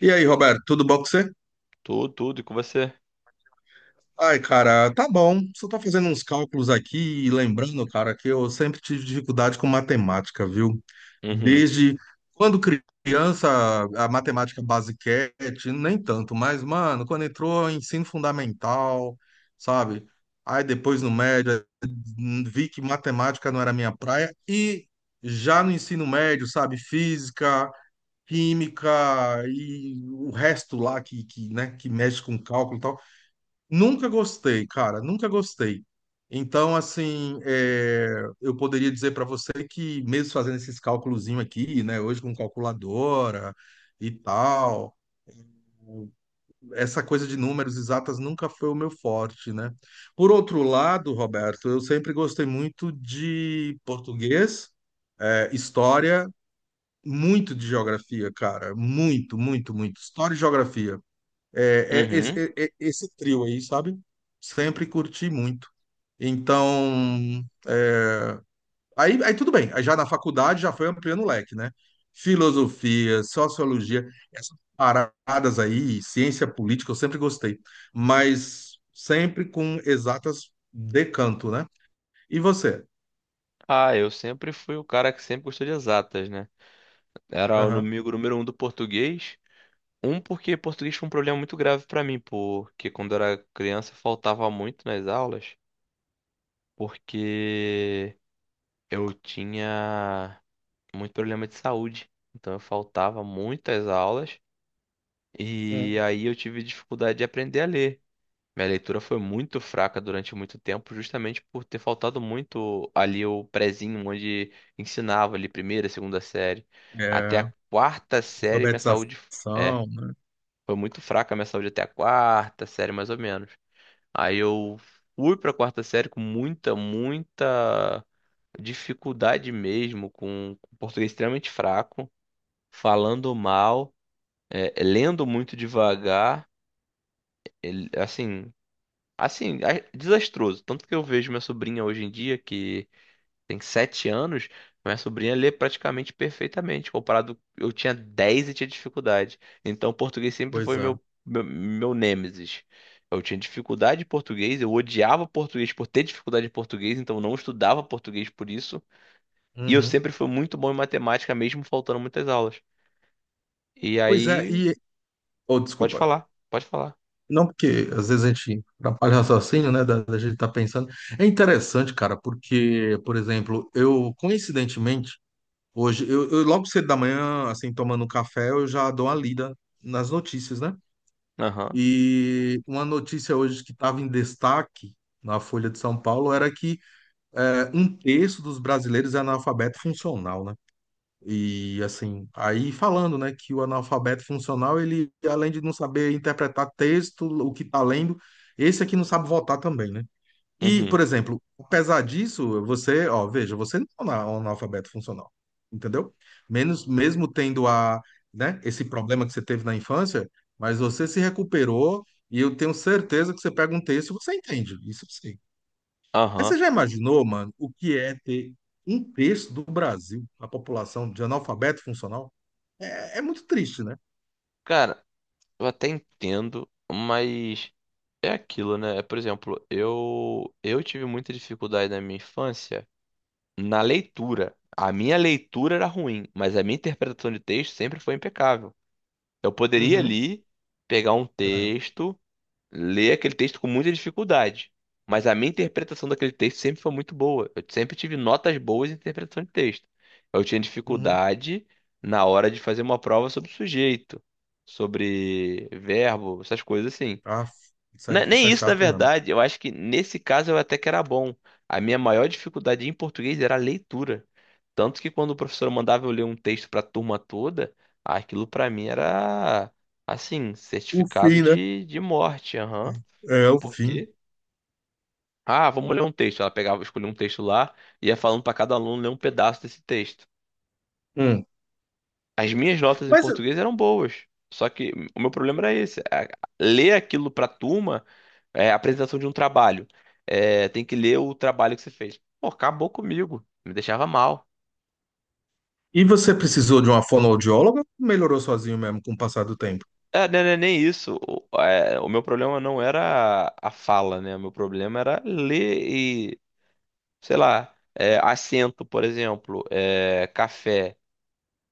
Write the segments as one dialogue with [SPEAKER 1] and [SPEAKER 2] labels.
[SPEAKER 1] E aí, Roberto, tudo bom com você?
[SPEAKER 2] Tudo, tudo. E com você?
[SPEAKER 1] Ai, cara, tá bom. Só tô fazendo uns cálculos aqui e lembrando, cara, que eu sempre tive dificuldade com matemática, viu?
[SPEAKER 2] Uhum.
[SPEAKER 1] Desde quando criança, a matemática basiquete, nem tanto, mas, mano, quando entrou em ensino fundamental, sabe? Aí depois no médio, vi que matemática não era minha praia e já no ensino médio, sabe, física, química e o resto lá que, né, que mexe com cálculo e tal. Nunca gostei, cara, nunca gostei. Então, assim, eu poderia dizer para você que, mesmo fazendo esses cálculozinho aqui, né, hoje com calculadora e tal, essa coisa de números exatas nunca foi o meu forte, né? Por outro lado, Roberto, eu sempre gostei muito de português, história muito de geografia, cara. Muito, muito, muito. História e geografia. É, é esse,
[SPEAKER 2] Uhum.
[SPEAKER 1] é- é esse trio aí, sabe? Sempre curti muito. Então, aí tudo bem, aí já na faculdade já foi ampliando o leque, né? Filosofia, sociologia, essas paradas aí, ciência política, eu sempre gostei, mas sempre com exatas decanto, né? E você?
[SPEAKER 2] Ah, eu sempre fui o cara que sempre gostou de exatas, né? Era o
[SPEAKER 1] Aham.
[SPEAKER 2] inimigo número um do português. Porque português foi um problema muito grave pra mim, porque quando eu era criança eu faltava muito nas aulas, porque eu tinha muito problema de saúde. Então eu faltava muitas aulas e
[SPEAKER 1] Hum.
[SPEAKER 2] aí eu tive dificuldade de aprender a ler. Minha leitura foi muito fraca durante muito tempo, justamente por ter faltado muito ali o prezinho, onde ensinava ali primeira, segunda série. Até
[SPEAKER 1] É,
[SPEAKER 2] a quarta série, minha saúde é,
[SPEAKER 1] alfabetização, né?
[SPEAKER 2] foi muito fraca a minha saúde até a quarta série, mais ou menos. Aí eu fui pra quarta série com muita, muita dificuldade mesmo, com português extremamente fraco, falando mal, lendo muito devagar. Assim, Assim, desastroso. Tanto que eu vejo minha sobrinha hoje em dia, que tem sete anos, minha sobrinha lê praticamente perfeitamente, comparado eu tinha 10 e tinha dificuldade. Então, o português sempre foi
[SPEAKER 1] Coisa.
[SPEAKER 2] meu nêmesis. Eu tinha dificuldade em português, eu odiava português por ter dificuldade em português, então eu não estudava português por isso. E eu
[SPEAKER 1] Uhum.
[SPEAKER 2] sempre fui muito bom em matemática, mesmo faltando muitas aulas. E
[SPEAKER 1] Pois é,
[SPEAKER 2] aí,
[SPEAKER 1] e. Oh,
[SPEAKER 2] pode
[SPEAKER 1] desculpa.
[SPEAKER 2] falar, pode falar.
[SPEAKER 1] Não, porque às vezes a gente atrapalha o raciocínio, né? Da gente estar pensando. É interessante, cara, porque, por exemplo, eu, coincidentemente, hoje, eu logo cedo da manhã, assim, tomando um café, eu já dou uma lida nas notícias, né?
[SPEAKER 2] Aham,
[SPEAKER 1] E uma notícia hoje que estava em destaque na Folha de São Paulo era que um terço dos brasileiros é analfabeto funcional, né? E assim, aí falando, né, que o analfabeto funcional, ele além de não saber interpretar texto, o que está lendo, esse aqui não sabe votar também, né? E, por
[SPEAKER 2] uhum,
[SPEAKER 1] exemplo, apesar disso, você, ó, veja, você não é um analfabeto funcional, entendeu? Menos, mesmo tendo a, né, esse problema que você teve na infância, mas você se recuperou e eu tenho certeza que você pega um texto e você entende, isso sim. Mas
[SPEAKER 2] aham.
[SPEAKER 1] você já imaginou, mano, o que é ter um terço do Brasil, a população de analfabeto funcional? É, é muito triste, né?
[SPEAKER 2] Cara, eu até entendo, mas é aquilo, né? Por exemplo, eu tive muita dificuldade na minha infância na leitura. A minha leitura era ruim, mas a minha interpretação de texto sempre foi impecável. Eu poderia
[SPEAKER 1] Uhum,
[SPEAKER 2] ali pegar um
[SPEAKER 1] é,
[SPEAKER 2] texto ler aquele texto com muita dificuldade. Mas a minha interpretação daquele texto sempre foi muito boa. Eu sempre tive notas boas em interpretação de texto. Eu tinha
[SPEAKER 1] uhum.
[SPEAKER 2] dificuldade na hora de fazer uma prova sobre sujeito, sobre verbo, essas coisas assim.
[SPEAKER 1] Ah, isso é, isso
[SPEAKER 2] Nem
[SPEAKER 1] é
[SPEAKER 2] isso, na
[SPEAKER 1] chato mesmo.
[SPEAKER 2] verdade, eu acho que nesse caso eu até que era bom. A minha maior dificuldade em português era a leitura. Tanto que quando o professor mandava eu ler um texto para a turma toda, aquilo para mim era assim,
[SPEAKER 1] O
[SPEAKER 2] certificado
[SPEAKER 1] fim, né?
[SPEAKER 2] de morte. Aham.
[SPEAKER 1] É o
[SPEAKER 2] Por
[SPEAKER 1] fim.
[SPEAKER 2] quê? Ah, vamos ler um texto. Ela pegava, escolhia um texto lá e ia falando para cada aluno ler um pedaço desse texto.
[SPEAKER 1] Hum.
[SPEAKER 2] As minhas notas em
[SPEAKER 1] Mas
[SPEAKER 2] português eram boas, só que o meu problema era esse. Ler aquilo para a turma é apresentação de um trabalho. É, tem que ler o trabalho que você fez. Pô, acabou comigo. Me deixava mal.
[SPEAKER 1] e você precisou de uma fonoaudióloga? Melhorou sozinho mesmo com o passar do tempo?
[SPEAKER 2] É, não é nem isso. O meu problema não era a fala, né? O meu problema era ler e, sei lá, é, assento, por exemplo, é, café.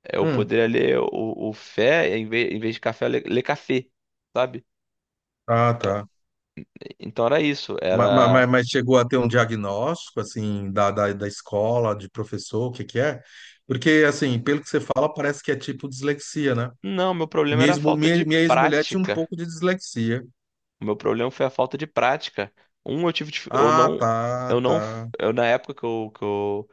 [SPEAKER 2] Eu
[SPEAKER 1] Hum.
[SPEAKER 2] poderia ler o fé, em vez de café, ler café, sabe?
[SPEAKER 1] Ah, tá.
[SPEAKER 2] Então era isso,
[SPEAKER 1] Mas,
[SPEAKER 2] era...
[SPEAKER 1] mas, mas chegou a ter um diagnóstico, assim, da escola, de professor, o que que é? Porque, assim, pelo que você fala, parece que é tipo dislexia, né?
[SPEAKER 2] Não, meu problema era a
[SPEAKER 1] Mesmo,
[SPEAKER 2] falta
[SPEAKER 1] minha
[SPEAKER 2] de
[SPEAKER 1] minha ex-mulher tinha um
[SPEAKER 2] prática.
[SPEAKER 1] pouco de dislexia.
[SPEAKER 2] O meu problema foi a falta de prática. Eu Eu
[SPEAKER 1] Ah,
[SPEAKER 2] não...
[SPEAKER 1] tá,
[SPEAKER 2] Eu não...
[SPEAKER 1] tá.
[SPEAKER 2] Eu, na época que eu, que eu,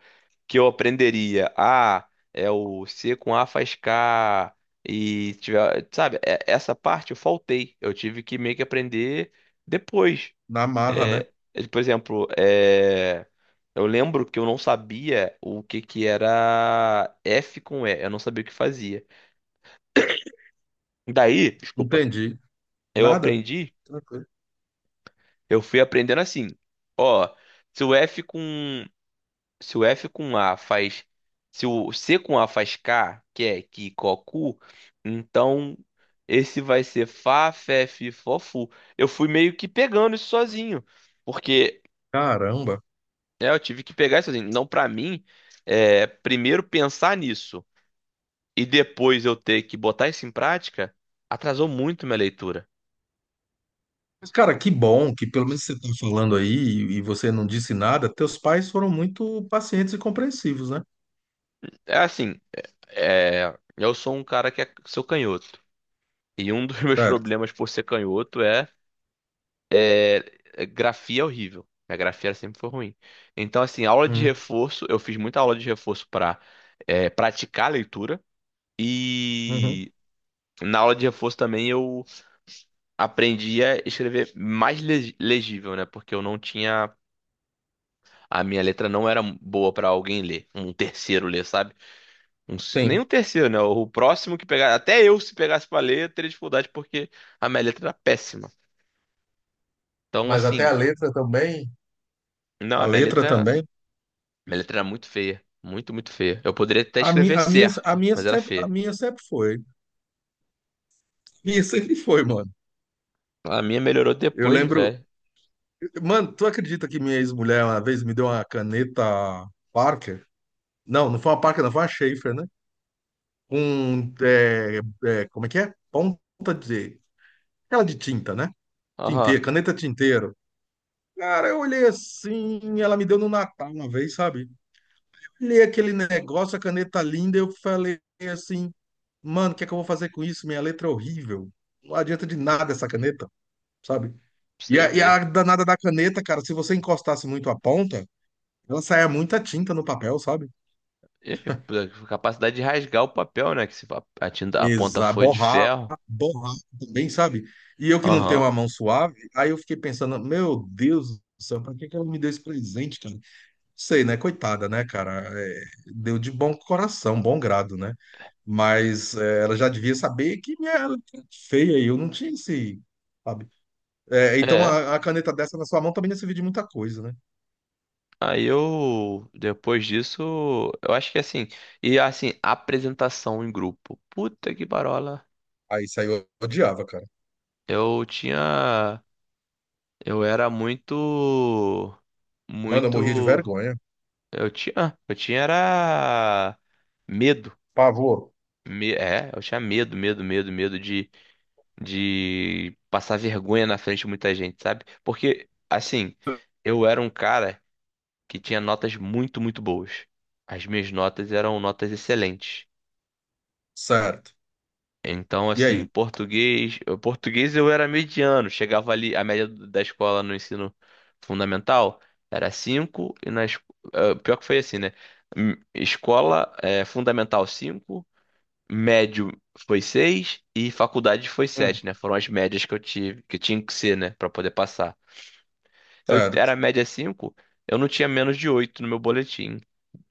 [SPEAKER 2] que eu aprenderia, ah, é o C com A faz K, Sabe? Essa parte eu faltei. Eu tive que meio que aprender depois.
[SPEAKER 1] Na marra, né?
[SPEAKER 2] É, é, por exemplo, é, eu lembro que eu não sabia o que que era F com E, eu não sabia o que fazia. Daí, desculpa,
[SPEAKER 1] Entendi.
[SPEAKER 2] eu
[SPEAKER 1] Nada?
[SPEAKER 2] aprendi,
[SPEAKER 1] Tranquilo.
[SPEAKER 2] eu fui aprendendo assim, ó, se o F com, se o F com A faz, se o C com A faz K, que é que cocu, então esse vai ser Fá, Fé, Fi, Fofu. Eu fui meio que pegando isso sozinho, porque
[SPEAKER 1] Caramba.
[SPEAKER 2] é, eu tive que pegar isso assim. Não, pra mim, é, primeiro pensar nisso e depois eu ter que botar isso em prática, atrasou muito minha leitura.
[SPEAKER 1] Mas, cara, que bom que pelo menos você tá falando aí e você não disse nada. Teus pais foram muito pacientes e compreensivos, né?
[SPEAKER 2] É assim, é, eu sou um cara que é, sou canhoto. E um dos meus
[SPEAKER 1] Certo.
[SPEAKER 2] problemas por ser canhoto é, é grafia é horrível. Minha grafia sempre foi ruim. Então, assim, aula de
[SPEAKER 1] Uhum.
[SPEAKER 2] reforço, eu fiz muita aula de reforço pra é, praticar a leitura.
[SPEAKER 1] Uhum.
[SPEAKER 2] E na aula de reforço também eu aprendi a escrever mais legível, né? Porque eu não tinha. A minha letra não era boa pra alguém ler. Um terceiro ler, sabe? Nem um
[SPEAKER 1] Sim.
[SPEAKER 2] terceiro, né? O próximo que pegar. Até eu, se pegasse pra ler, eu teria dificuldade porque a minha letra era péssima. Então,
[SPEAKER 1] Mas até
[SPEAKER 2] assim.
[SPEAKER 1] a letra também.
[SPEAKER 2] Não, a
[SPEAKER 1] A
[SPEAKER 2] minha
[SPEAKER 1] letra
[SPEAKER 2] letra.
[SPEAKER 1] também.
[SPEAKER 2] Minha letra era muito feia. Muito, muito feia. Eu poderia até
[SPEAKER 1] A, mi,
[SPEAKER 2] escrever
[SPEAKER 1] a minha, a
[SPEAKER 2] certo,
[SPEAKER 1] minha
[SPEAKER 2] mas era
[SPEAKER 1] sempre, a
[SPEAKER 2] feia.
[SPEAKER 1] minha sempre foi. A minha sempre foi, mano.
[SPEAKER 2] A minha melhorou
[SPEAKER 1] Eu
[SPEAKER 2] depois,
[SPEAKER 1] lembro.
[SPEAKER 2] velho.
[SPEAKER 1] Mano, tu acredita que minha ex-mulher uma vez me deu uma caneta Parker? Não, não foi uma Parker, não, foi uma Schaefer, né? Com, como é que é? Ponta de... Aquela de tinta, né?
[SPEAKER 2] Aham.
[SPEAKER 1] Tinteiro, caneta tinteiro. Cara, eu olhei assim, ela me deu no Natal uma vez, sabe? Olhei aquele negócio, a caneta linda, eu falei assim, mano, o que é que eu vou fazer com isso? Minha letra é horrível. Não adianta de nada essa caneta, sabe?
[SPEAKER 2] Pra
[SPEAKER 1] E
[SPEAKER 2] você
[SPEAKER 1] a, e a
[SPEAKER 2] ver.
[SPEAKER 1] danada da caneta, cara, se você encostasse muito a ponta, ela saía muita tinta no papel, sabe?
[SPEAKER 2] E, pô, capacidade de rasgar o papel, né? Que se a tinta, a ponta
[SPEAKER 1] Exa,
[SPEAKER 2] foi de
[SPEAKER 1] borrar,
[SPEAKER 2] ferro.
[SPEAKER 1] borrar, também, sabe? E eu que não tenho
[SPEAKER 2] Aham.
[SPEAKER 1] a mão suave, aí eu fiquei pensando, meu Deus do céu, pra que que ela me deu esse presente, cara? Sei, né? Coitada, né, cara? É, deu de bom coração, bom grado, né? Mas ela já devia saber que minha ela era feia e eu não tinha esse, sabe? É, então
[SPEAKER 2] É,
[SPEAKER 1] a caneta dessa na sua mão também não servia de muita coisa, né?
[SPEAKER 2] aí eu, depois disso, eu acho que assim, e assim, apresentação em grupo, puta que parola,
[SPEAKER 1] Aí isso aí eu odiava, cara.
[SPEAKER 2] eu tinha, eu era muito,
[SPEAKER 1] Mano, eu morria de
[SPEAKER 2] muito,
[SPEAKER 1] vergonha.
[SPEAKER 2] eu tinha era medo,
[SPEAKER 1] Pavor.
[SPEAKER 2] É, eu tinha medo, medo de passar vergonha na frente de muita gente, sabe? Porque, assim, eu era um cara que tinha notas muito, muito boas, as minhas notas eram notas excelentes.
[SPEAKER 1] Certo.
[SPEAKER 2] Então,
[SPEAKER 1] E
[SPEAKER 2] assim,
[SPEAKER 1] aí?
[SPEAKER 2] português eu era mediano, chegava ali, da escola no ensino fundamental era 5 eh, pior que foi assim, né? Escola eh, fundamental 5, médio foi 6 e faculdade foi
[SPEAKER 1] Hum.
[SPEAKER 2] sete, né? Foram as médias que eu tive, que tinha que ser, né, pra poder passar eu era
[SPEAKER 1] Certo.
[SPEAKER 2] média 5 eu não tinha menos de 8 no meu boletim.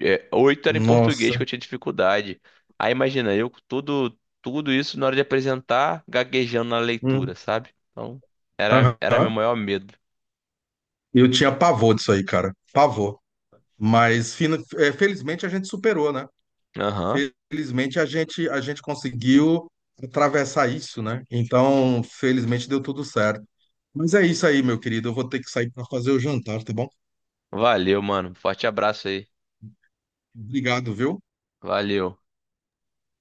[SPEAKER 2] É, 8 era em português que
[SPEAKER 1] Nossa.
[SPEAKER 2] eu tinha dificuldade. Aí imagina, eu com tudo, tudo isso na hora de apresentar, gaguejando na
[SPEAKER 1] Hum.
[SPEAKER 2] leitura, sabe? Então, era, era meu
[SPEAKER 1] Aham.
[SPEAKER 2] maior medo.
[SPEAKER 1] Eu tinha pavor disso aí, cara. Pavor. Mas felizmente a gente superou, né?
[SPEAKER 2] Aham.
[SPEAKER 1] Felizmente a gente conseguiu atravessar isso, né? Então, felizmente deu tudo certo. Mas é isso aí, meu querido. Eu vou ter que sair para fazer o jantar, tá bom?
[SPEAKER 2] Valeu, mano. Forte abraço aí.
[SPEAKER 1] Obrigado, viu?
[SPEAKER 2] Valeu.